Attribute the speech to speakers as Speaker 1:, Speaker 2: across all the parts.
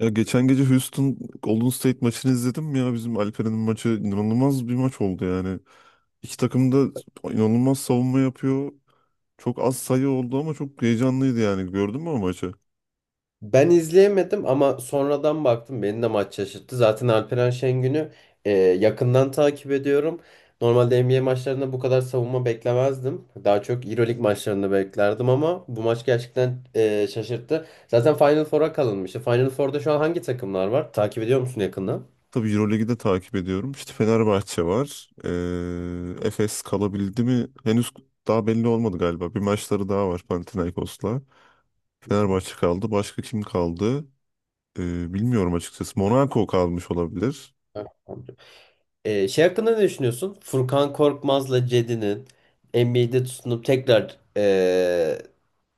Speaker 1: Ya geçen gece Houston Golden State maçını izledim ya. Bizim Alperen'in maçı inanılmaz bir maç oldu yani. İki takım da inanılmaz savunma yapıyor. Çok az sayı oldu ama çok heyecanlıydı yani. Gördün mü o maçı?
Speaker 2: Ben izleyemedim ama sonradan baktım beni de maç şaşırttı. Zaten Alperen Şengün'ü yakından takip ediyorum. Normalde NBA maçlarında bu kadar savunma beklemezdim. Daha çok EuroLeague maçlarında beklerdim ama bu maç gerçekten şaşırttı. Zaten Final Four'a kalınmıştı. Final Four'da şu an hangi takımlar var? Takip ediyor musun yakından?
Speaker 1: Tabii Euroleague'i de takip ediyorum. İşte Fenerbahçe var. Efes kalabildi mi? Henüz daha belli olmadı galiba. Bir maçları daha var Panathinaikos'la. Fenerbahçe kaldı. Başka kim kaldı? Bilmiyorum açıkçası. Monaco kalmış olabilir.
Speaker 2: Evet. Şey hakkında ne düşünüyorsun? Furkan Korkmaz'la Cedi'nin NBA'de tutunup tekrar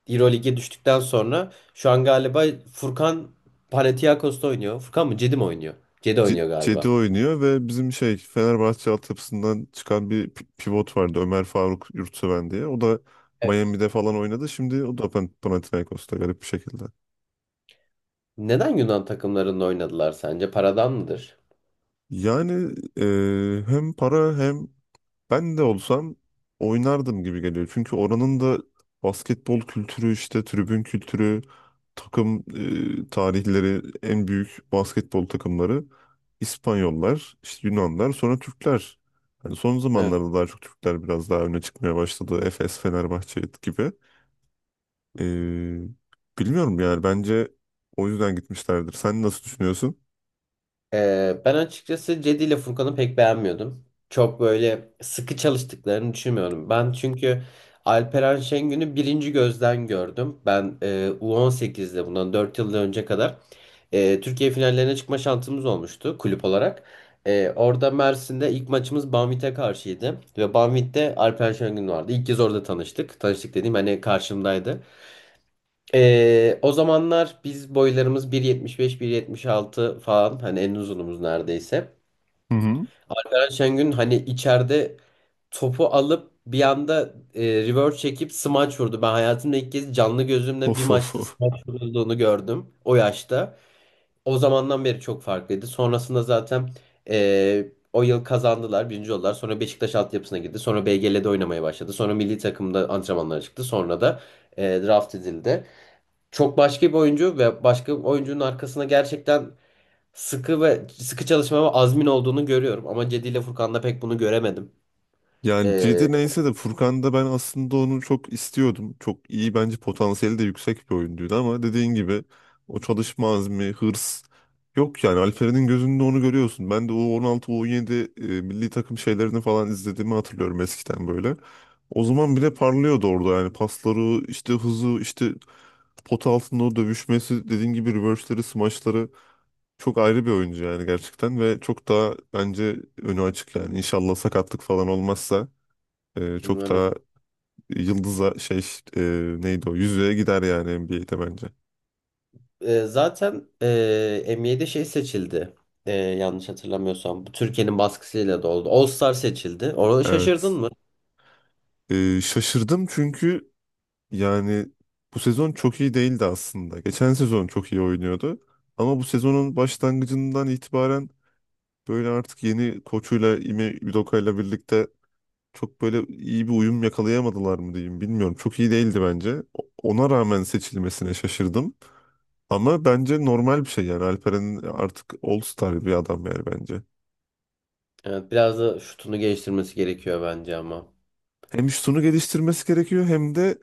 Speaker 2: Euroleague'e düştükten sonra şu an galiba Furkan Panathinaikos'ta oynuyor. Furkan mı? Cedi mi oynuyor? Cedi oynuyor
Speaker 1: Cedi
Speaker 2: galiba.
Speaker 1: oynuyor ve bizim şey Fenerbahçe altyapısından çıkan bir pivot vardı Ömer Faruk Yurtseven diye. O da
Speaker 2: Evet.
Speaker 1: Miami'de falan oynadı. Şimdi o da Panathinaikos'ta garip bir şekilde.
Speaker 2: Neden Yunan takımlarında oynadılar sence? Paradan mıdır?
Speaker 1: Yani hem para hem ben de olsam oynardım gibi geliyor. Çünkü oranın da basketbol kültürü işte tribün kültürü, takım tarihleri, en büyük basketbol takımları İspanyollar, işte Yunanlar, sonra Türkler. Hani son zamanlarda daha çok Türkler biraz daha öne çıkmaya başladı. Efes, Fenerbahçe gibi. E, bilmiyorum yani bence o yüzden gitmişlerdir. Sen nasıl düşünüyorsun?
Speaker 2: Ben açıkçası Cedi ile Furkan'ı pek beğenmiyordum. Çok böyle sıkı çalıştıklarını düşünmüyorum. Ben çünkü Alperen Şengün'ü birinci gözden gördüm. Ben U18'de bundan 4 yıl önce kadar Türkiye finallerine çıkma şansımız olmuştu kulüp olarak. E, orada Mersin'de ilk maçımız Banvit'e karşıydı. Ve Banvit'te Alperen Şengün vardı. İlk kez orada tanıştık. Tanıştık dediğim hani karşımdaydı. O zamanlar biz boylarımız 1.75-1.76 falan hani en uzunumuz neredeyse.
Speaker 1: Hı hı.
Speaker 2: Erkan Şengün hani içeride topu alıp bir anda reverse çekip smaç vurdu. Ben hayatımda ilk kez canlı gözümle bir
Speaker 1: Of of
Speaker 2: maçta
Speaker 1: of.
Speaker 2: smaç vurulduğunu gördüm o yaşta. O zamandan beri çok farklıydı. Sonrasında zaten e, o yıl kazandılar, birinci oldular. Sonra Beşiktaş altyapısına girdi. Sonra BGL'de oynamaya başladı. Sonra milli takımda antrenmanlara çıktı. Sonra da draft edildi. Çok başka bir oyuncu ve başka bir oyuncunun arkasına gerçekten sıkı ve sıkı çalışma ve azmin olduğunu görüyorum. Ama Cedi ile Furkan'da pek bunu göremedim.
Speaker 1: Yani
Speaker 2: Ee,
Speaker 1: Cedi neyse de Furkan'da ben aslında onu çok istiyordum. Çok iyi bence potansiyeli de yüksek bir oyuncuydu ama dediğin gibi o çalışma azmi, hırs yok yani Alperen'in gözünde onu görüyorsun. Ben de U16, U17 milli takım şeylerini falan izlediğimi hatırlıyorum eskiden böyle. O zaman bile parlıyordu orada yani pasları, işte hızı, işte pot altında o dövüşmesi, dediğin gibi reverse'leri, smaçları çok ayrı bir oyuncu yani gerçekten ve çok daha bence önü açık yani. İnşallah sakatlık falan olmazsa çok
Speaker 2: Umarım.
Speaker 1: daha yıldıza şey e, neydi o yüzüğe gider yani NBA'de bence.
Speaker 2: NBA'de şey seçildi. Yanlış hatırlamıyorsam. Bu Türkiye'nin baskısıyla da oldu. All-Star seçildi. Orada şaşırdın
Speaker 1: Evet.
Speaker 2: mı?
Speaker 1: Şaşırdım çünkü yani bu sezon çok iyi değildi aslında. Geçen sezon çok iyi oynuyordu. Ama bu sezonun başlangıcından itibaren böyle artık yeni koçuyla Ime Udoka'yla birlikte çok böyle iyi bir uyum yakalayamadılar mı diyeyim bilmiyorum. Çok iyi değildi bence. Ona rağmen seçilmesine şaşırdım. Ama bence normal bir şey yani. Alperen'in artık All-Star bir adam yani bence.
Speaker 2: Evet, biraz da şutunu geliştirmesi gerekiyor bence ama.
Speaker 1: Hem şutunu geliştirmesi gerekiyor hem de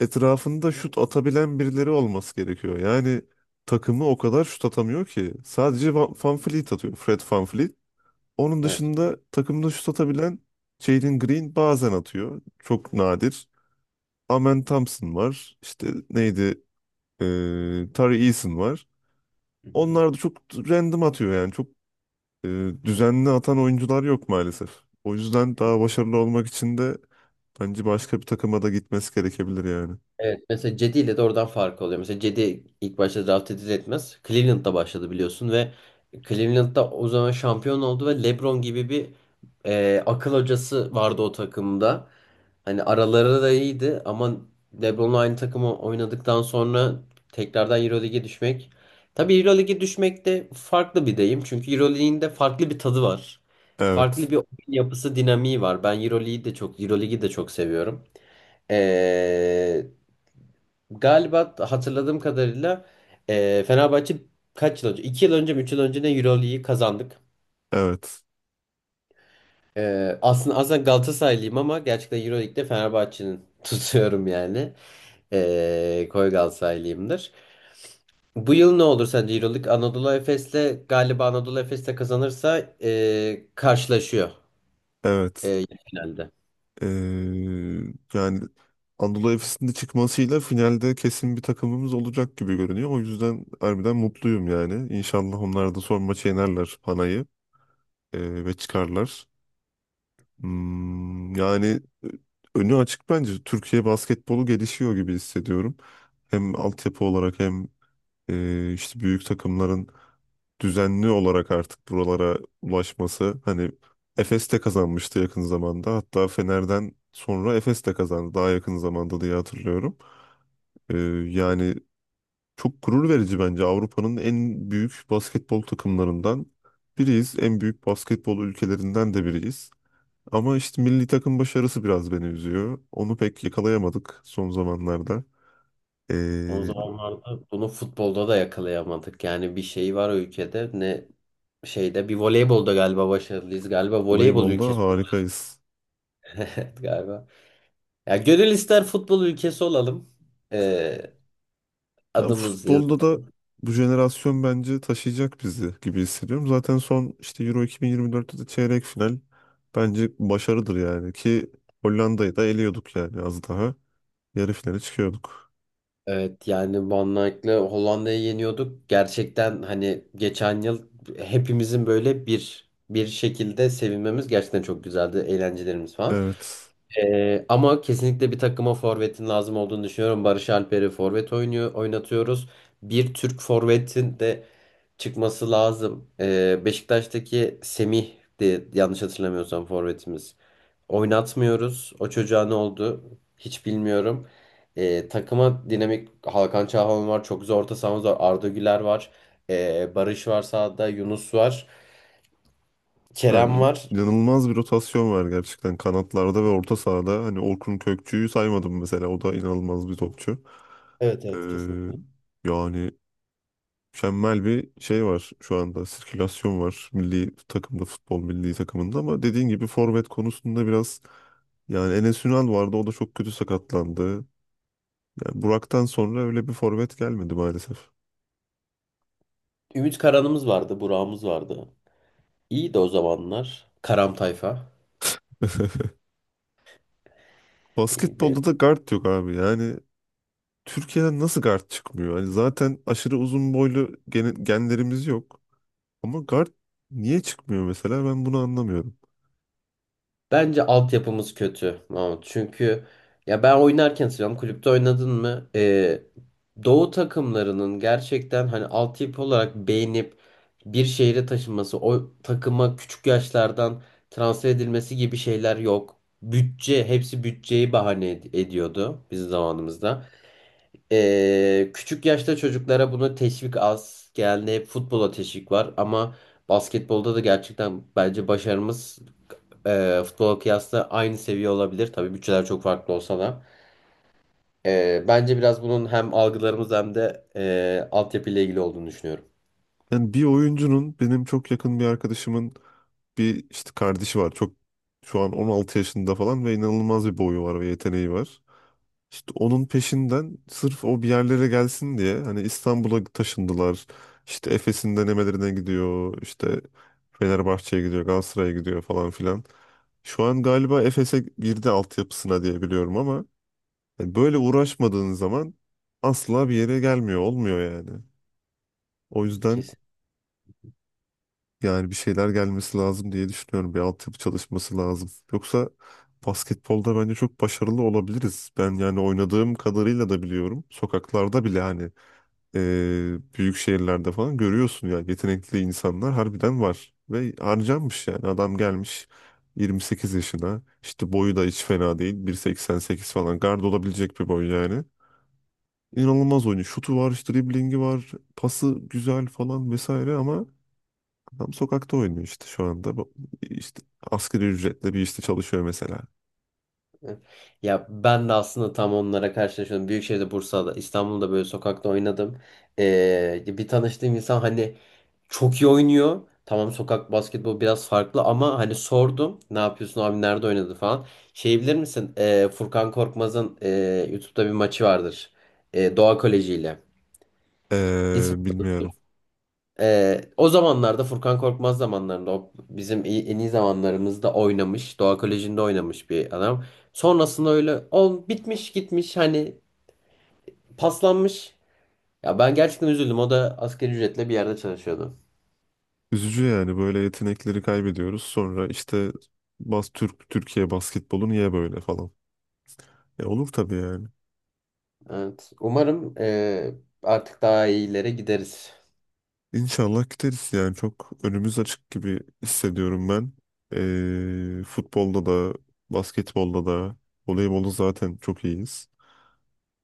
Speaker 1: etrafında şut atabilen birileri olması gerekiyor. Yani takımı o kadar şut atamıyor ki. Sadece Van Fleet atıyor. Fred Van Fleet. Onun
Speaker 2: Evet.
Speaker 1: dışında takımda şut atabilen Jalen Green bazen atıyor. Çok nadir. Amen Thompson var. İşte neydi? Tari Eason var. Onlar da çok random atıyor yani. Çok e, düzenli atan oyuncular yok maalesef. O yüzden daha başarılı olmak için de bence başka bir takıma da gitmesi gerekebilir yani.
Speaker 2: Evet mesela Cedi ile de oradan fark oluyor. Mesela Cedi ilk başta draft edilir etmez. Cleveland'da başladı biliyorsun ve Cleveland'da o zaman şampiyon oldu ve LeBron gibi bir akıl hocası vardı o takımda. Hani araları da iyiydi ama LeBron'la aynı takımı oynadıktan sonra tekrardan EuroLeague'e düşmek. Tabii EuroLeague'e düşmek de farklı bir deyim. Çünkü EuroLeague'in de farklı bir tadı var. Farklı
Speaker 1: Evet.
Speaker 2: bir oyun yapısı dinamiği var. Ben EuroLeague'i de çok EuroLeague'i de çok seviyorum. Ee, Galiba hatırladığım kadarıyla Fenerbahçe kaç yıl önce? 2 yıl önce mi 3 yıl önce ne Euroleague'i kazandık.
Speaker 1: Evet.
Speaker 2: Aslında Galatasaraylıyım ama gerçekten Euroleague'de Fenerbahçe'nin tutuyorum yani. E, koyu Galatasaraylıyımdır. Bu yıl ne olur sence Euroleague Anadolu Efes'le galiba Anadolu Efes'le kazanırsa karşılaşıyor
Speaker 1: Evet.
Speaker 2: finalde.
Speaker 1: Ee, yani Anadolu Efes'in de çıkmasıyla finalde kesin bir takımımız olacak gibi görünüyor. O yüzden harbiden mutluyum yani. İnşallah onlar da son maçı yenerler Panay'ı ve çıkarlar. Yani önü açık bence. Türkiye basketbolu gelişiyor gibi hissediyorum. Hem altyapı olarak hem işte büyük takımların düzenli olarak artık buralara ulaşması hani Efes de kazanmıştı yakın zamanda. Hatta Fener'den sonra Efes de kazandı daha yakın zamanda diye hatırlıyorum. Ee, yani çok gurur verici bence Avrupa'nın en büyük basketbol takımlarından biriyiz. En büyük basketbol ülkelerinden de biriyiz. Ama işte milli takım başarısı biraz beni üzüyor. Onu pek yakalayamadık son zamanlarda.
Speaker 2: O
Speaker 1: Ee,
Speaker 2: zamanlarda bunu futbolda da yakalayamadık. Yani bir şey var o ülkede ne şeyde bir voleybolda galiba başarılıyız. Galiba voleybol
Speaker 1: voleybolda
Speaker 2: ülkesi.
Speaker 1: harikayız.
Speaker 2: Evet galiba. Ya gönül ister futbol ülkesi olalım. Ee,
Speaker 1: Ya
Speaker 2: Adımız yaz-
Speaker 1: futbolda da bu jenerasyon bence taşıyacak bizi gibi hissediyorum. Zaten son işte Euro 2024'te de çeyrek final bence başarıdır yani ki Hollanda'yı da eliyorduk yani az daha yarı finale çıkıyorduk.
Speaker 2: Evet yani Van Dijk'le Hollanda'yı yeniyorduk. Gerçekten hani geçen yıl hepimizin böyle bir şekilde sevinmemiz gerçekten çok güzeldi. Eğlencelerimiz falan.
Speaker 1: Evet.
Speaker 2: Ama kesinlikle bir takıma forvetin lazım olduğunu düşünüyorum. Barış Alper'i forvet oynuyor, oynatıyoruz. Bir Türk forvetin de çıkması lazım. Beşiktaş'taki Semih de yanlış hatırlamıyorsam forvetimiz. Oynatmıyoruz. O çocuğa ne oldu? Hiç bilmiyorum. Takıma dinamik Hakan Çalhanoğlu var. Çok güzel orta sahamız var. Arda Güler var. Barış var sağda. Yunus var. Kerem
Speaker 1: Yani
Speaker 2: var.
Speaker 1: inanılmaz bir rotasyon var gerçekten kanatlarda ve orta sahada. Hani Orkun Kökçü'yü saymadım mesela. O da inanılmaz bir topçu.
Speaker 2: Evet,
Speaker 1: Ee,
Speaker 2: evet, kesinlikle.
Speaker 1: yani mükemmel bir şey var şu anda. Sirkülasyon var milli takımda, futbol milli takımında ama dediğin gibi forvet konusunda biraz yani Enes Ünal vardı o da çok kötü sakatlandı. Yani Burak'tan sonra öyle bir forvet gelmedi maalesef.
Speaker 2: Ümit Karan'ımız vardı. Burak'ımız vardı. İyiydi o zamanlar. Karam Tayfa. İyiydi.
Speaker 1: Basketbolda da guard yok abi. Yani Türkiye'den nasıl guard çıkmıyor? Hani zaten aşırı uzun boylu genlerimiz yok. Ama guard niye çıkmıyor mesela ben bunu anlamıyorum.
Speaker 2: Bence altyapımız kötü Mahmut. Çünkü ya ben oynarken söylüyorum. Kulüpte oynadın mı? Doğu takımlarının gerçekten hani altyapı olarak beğenip bir şehre taşınması, o takıma küçük yaşlardan transfer edilmesi gibi şeyler yok. Bütçe, hepsi ediyordu bizim zamanımızda. Küçük yaşta çocuklara bunu teşvik az. Genelde hep futbola teşvik var ama basketbolda da gerçekten bence başarımız futbola kıyasla aynı seviye olabilir. Tabii bütçeler çok farklı olsa da. Bence biraz bunun hem algılarımız hem de altyapıyla ilgili olduğunu düşünüyorum.
Speaker 1: Yani bir oyuncunun benim çok yakın bir arkadaşımın bir işte kardeşi var. Çok şu an 16 yaşında falan ve inanılmaz bir boyu var ve yeteneği var. İşte onun peşinden sırf o bir yerlere gelsin diye hani İstanbul'a taşındılar. İşte Efes'in denemelerine gidiyor. İşte Fenerbahçe'ye gidiyor, Galatasaray'a gidiyor falan filan. Şu an galiba Efes'e girdi altyapısına diye biliyorum ama yani böyle uğraşmadığın zaman asla bir yere gelmiyor, olmuyor yani. O yüzden.
Speaker 2: Kesinlikle.
Speaker 1: Yani bir şeyler gelmesi lazım diye düşünüyorum. Bir altyapı çalışması lazım. Yoksa basketbolda bence çok başarılı olabiliriz. Ben yani oynadığım kadarıyla da biliyorum. Sokaklarda bile hani büyük şehirlerde falan görüyorsun ya yetenekli insanlar harbiden var. Ve harcanmış yani adam gelmiş 28 yaşına. İşte boyu da hiç fena değil. 1,88 falan gard olabilecek bir boy yani. İnanılmaz oynuyor. Şutu var, işte driblingi var, pası güzel falan vesaire ama adam sokakta oynuyor işte şu anda. İşte asgari ücretle bir işte çalışıyor mesela.
Speaker 2: Ya ben de aslında tam onlara karşılaşıyorum. Büyükşehir'de, Bursa'da, İstanbul'da böyle sokakta oynadım. Bir tanıştığım insan hani çok iyi oynuyor. Tamam sokak basketbolu biraz farklı ama hani sordum. Ne yapıyorsun abi nerede oynadı falan. Şey bilir misin? Furkan Korkmaz'ın YouTube'da bir maçı vardır. Doğa Koleji ile.
Speaker 1: Ee,
Speaker 2: İsmi,
Speaker 1: bilmiyorum.
Speaker 2: o zamanlarda Furkan Korkmaz zamanlarında o bizim en iyi zamanlarımızda oynamış. Doğa Koleji'nde oynamış bir adam. Sonrasında öyle ol bitmiş gitmiş hani paslanmış. Ya ben gerçekten üzüldüm. O da asgari ücretle bir yerde çalışıyordu.
Speaker 1: Üzücü yani böyle yetenekleri kaybediyoruz. Sonra işte bas Türk Türkiye basketbolu niye böyle falan. Olur tabii yani.
Speaker 2: Evet. Umarım artık daha iyilere gideriz.
Speaker 1: İnşallah gideriz yani çok önümüz açık gibi hissediyorum ben. Futbolda da basketbolda da voleybolda zaten çok iyiyiz.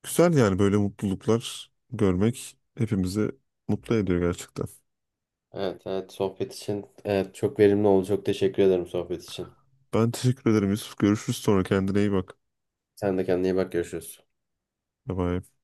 Speaker 1: Güzel yani böyle mutluluklar görmek hepimizi mutlu ediyor gerçekten.
Speaker 2: Evet, evet. Sohbet için evet, çok verimli oldu. Çok teşekkür ederim sohbet için.
Speaker 1: Ben teşekkür ederim Yusuf. Görüşürüz sonra. Kendine iyi bak.
Speaker 2: Sen de kendine iyi bak. Görüşürüz.
Speaker 1: Bye bye.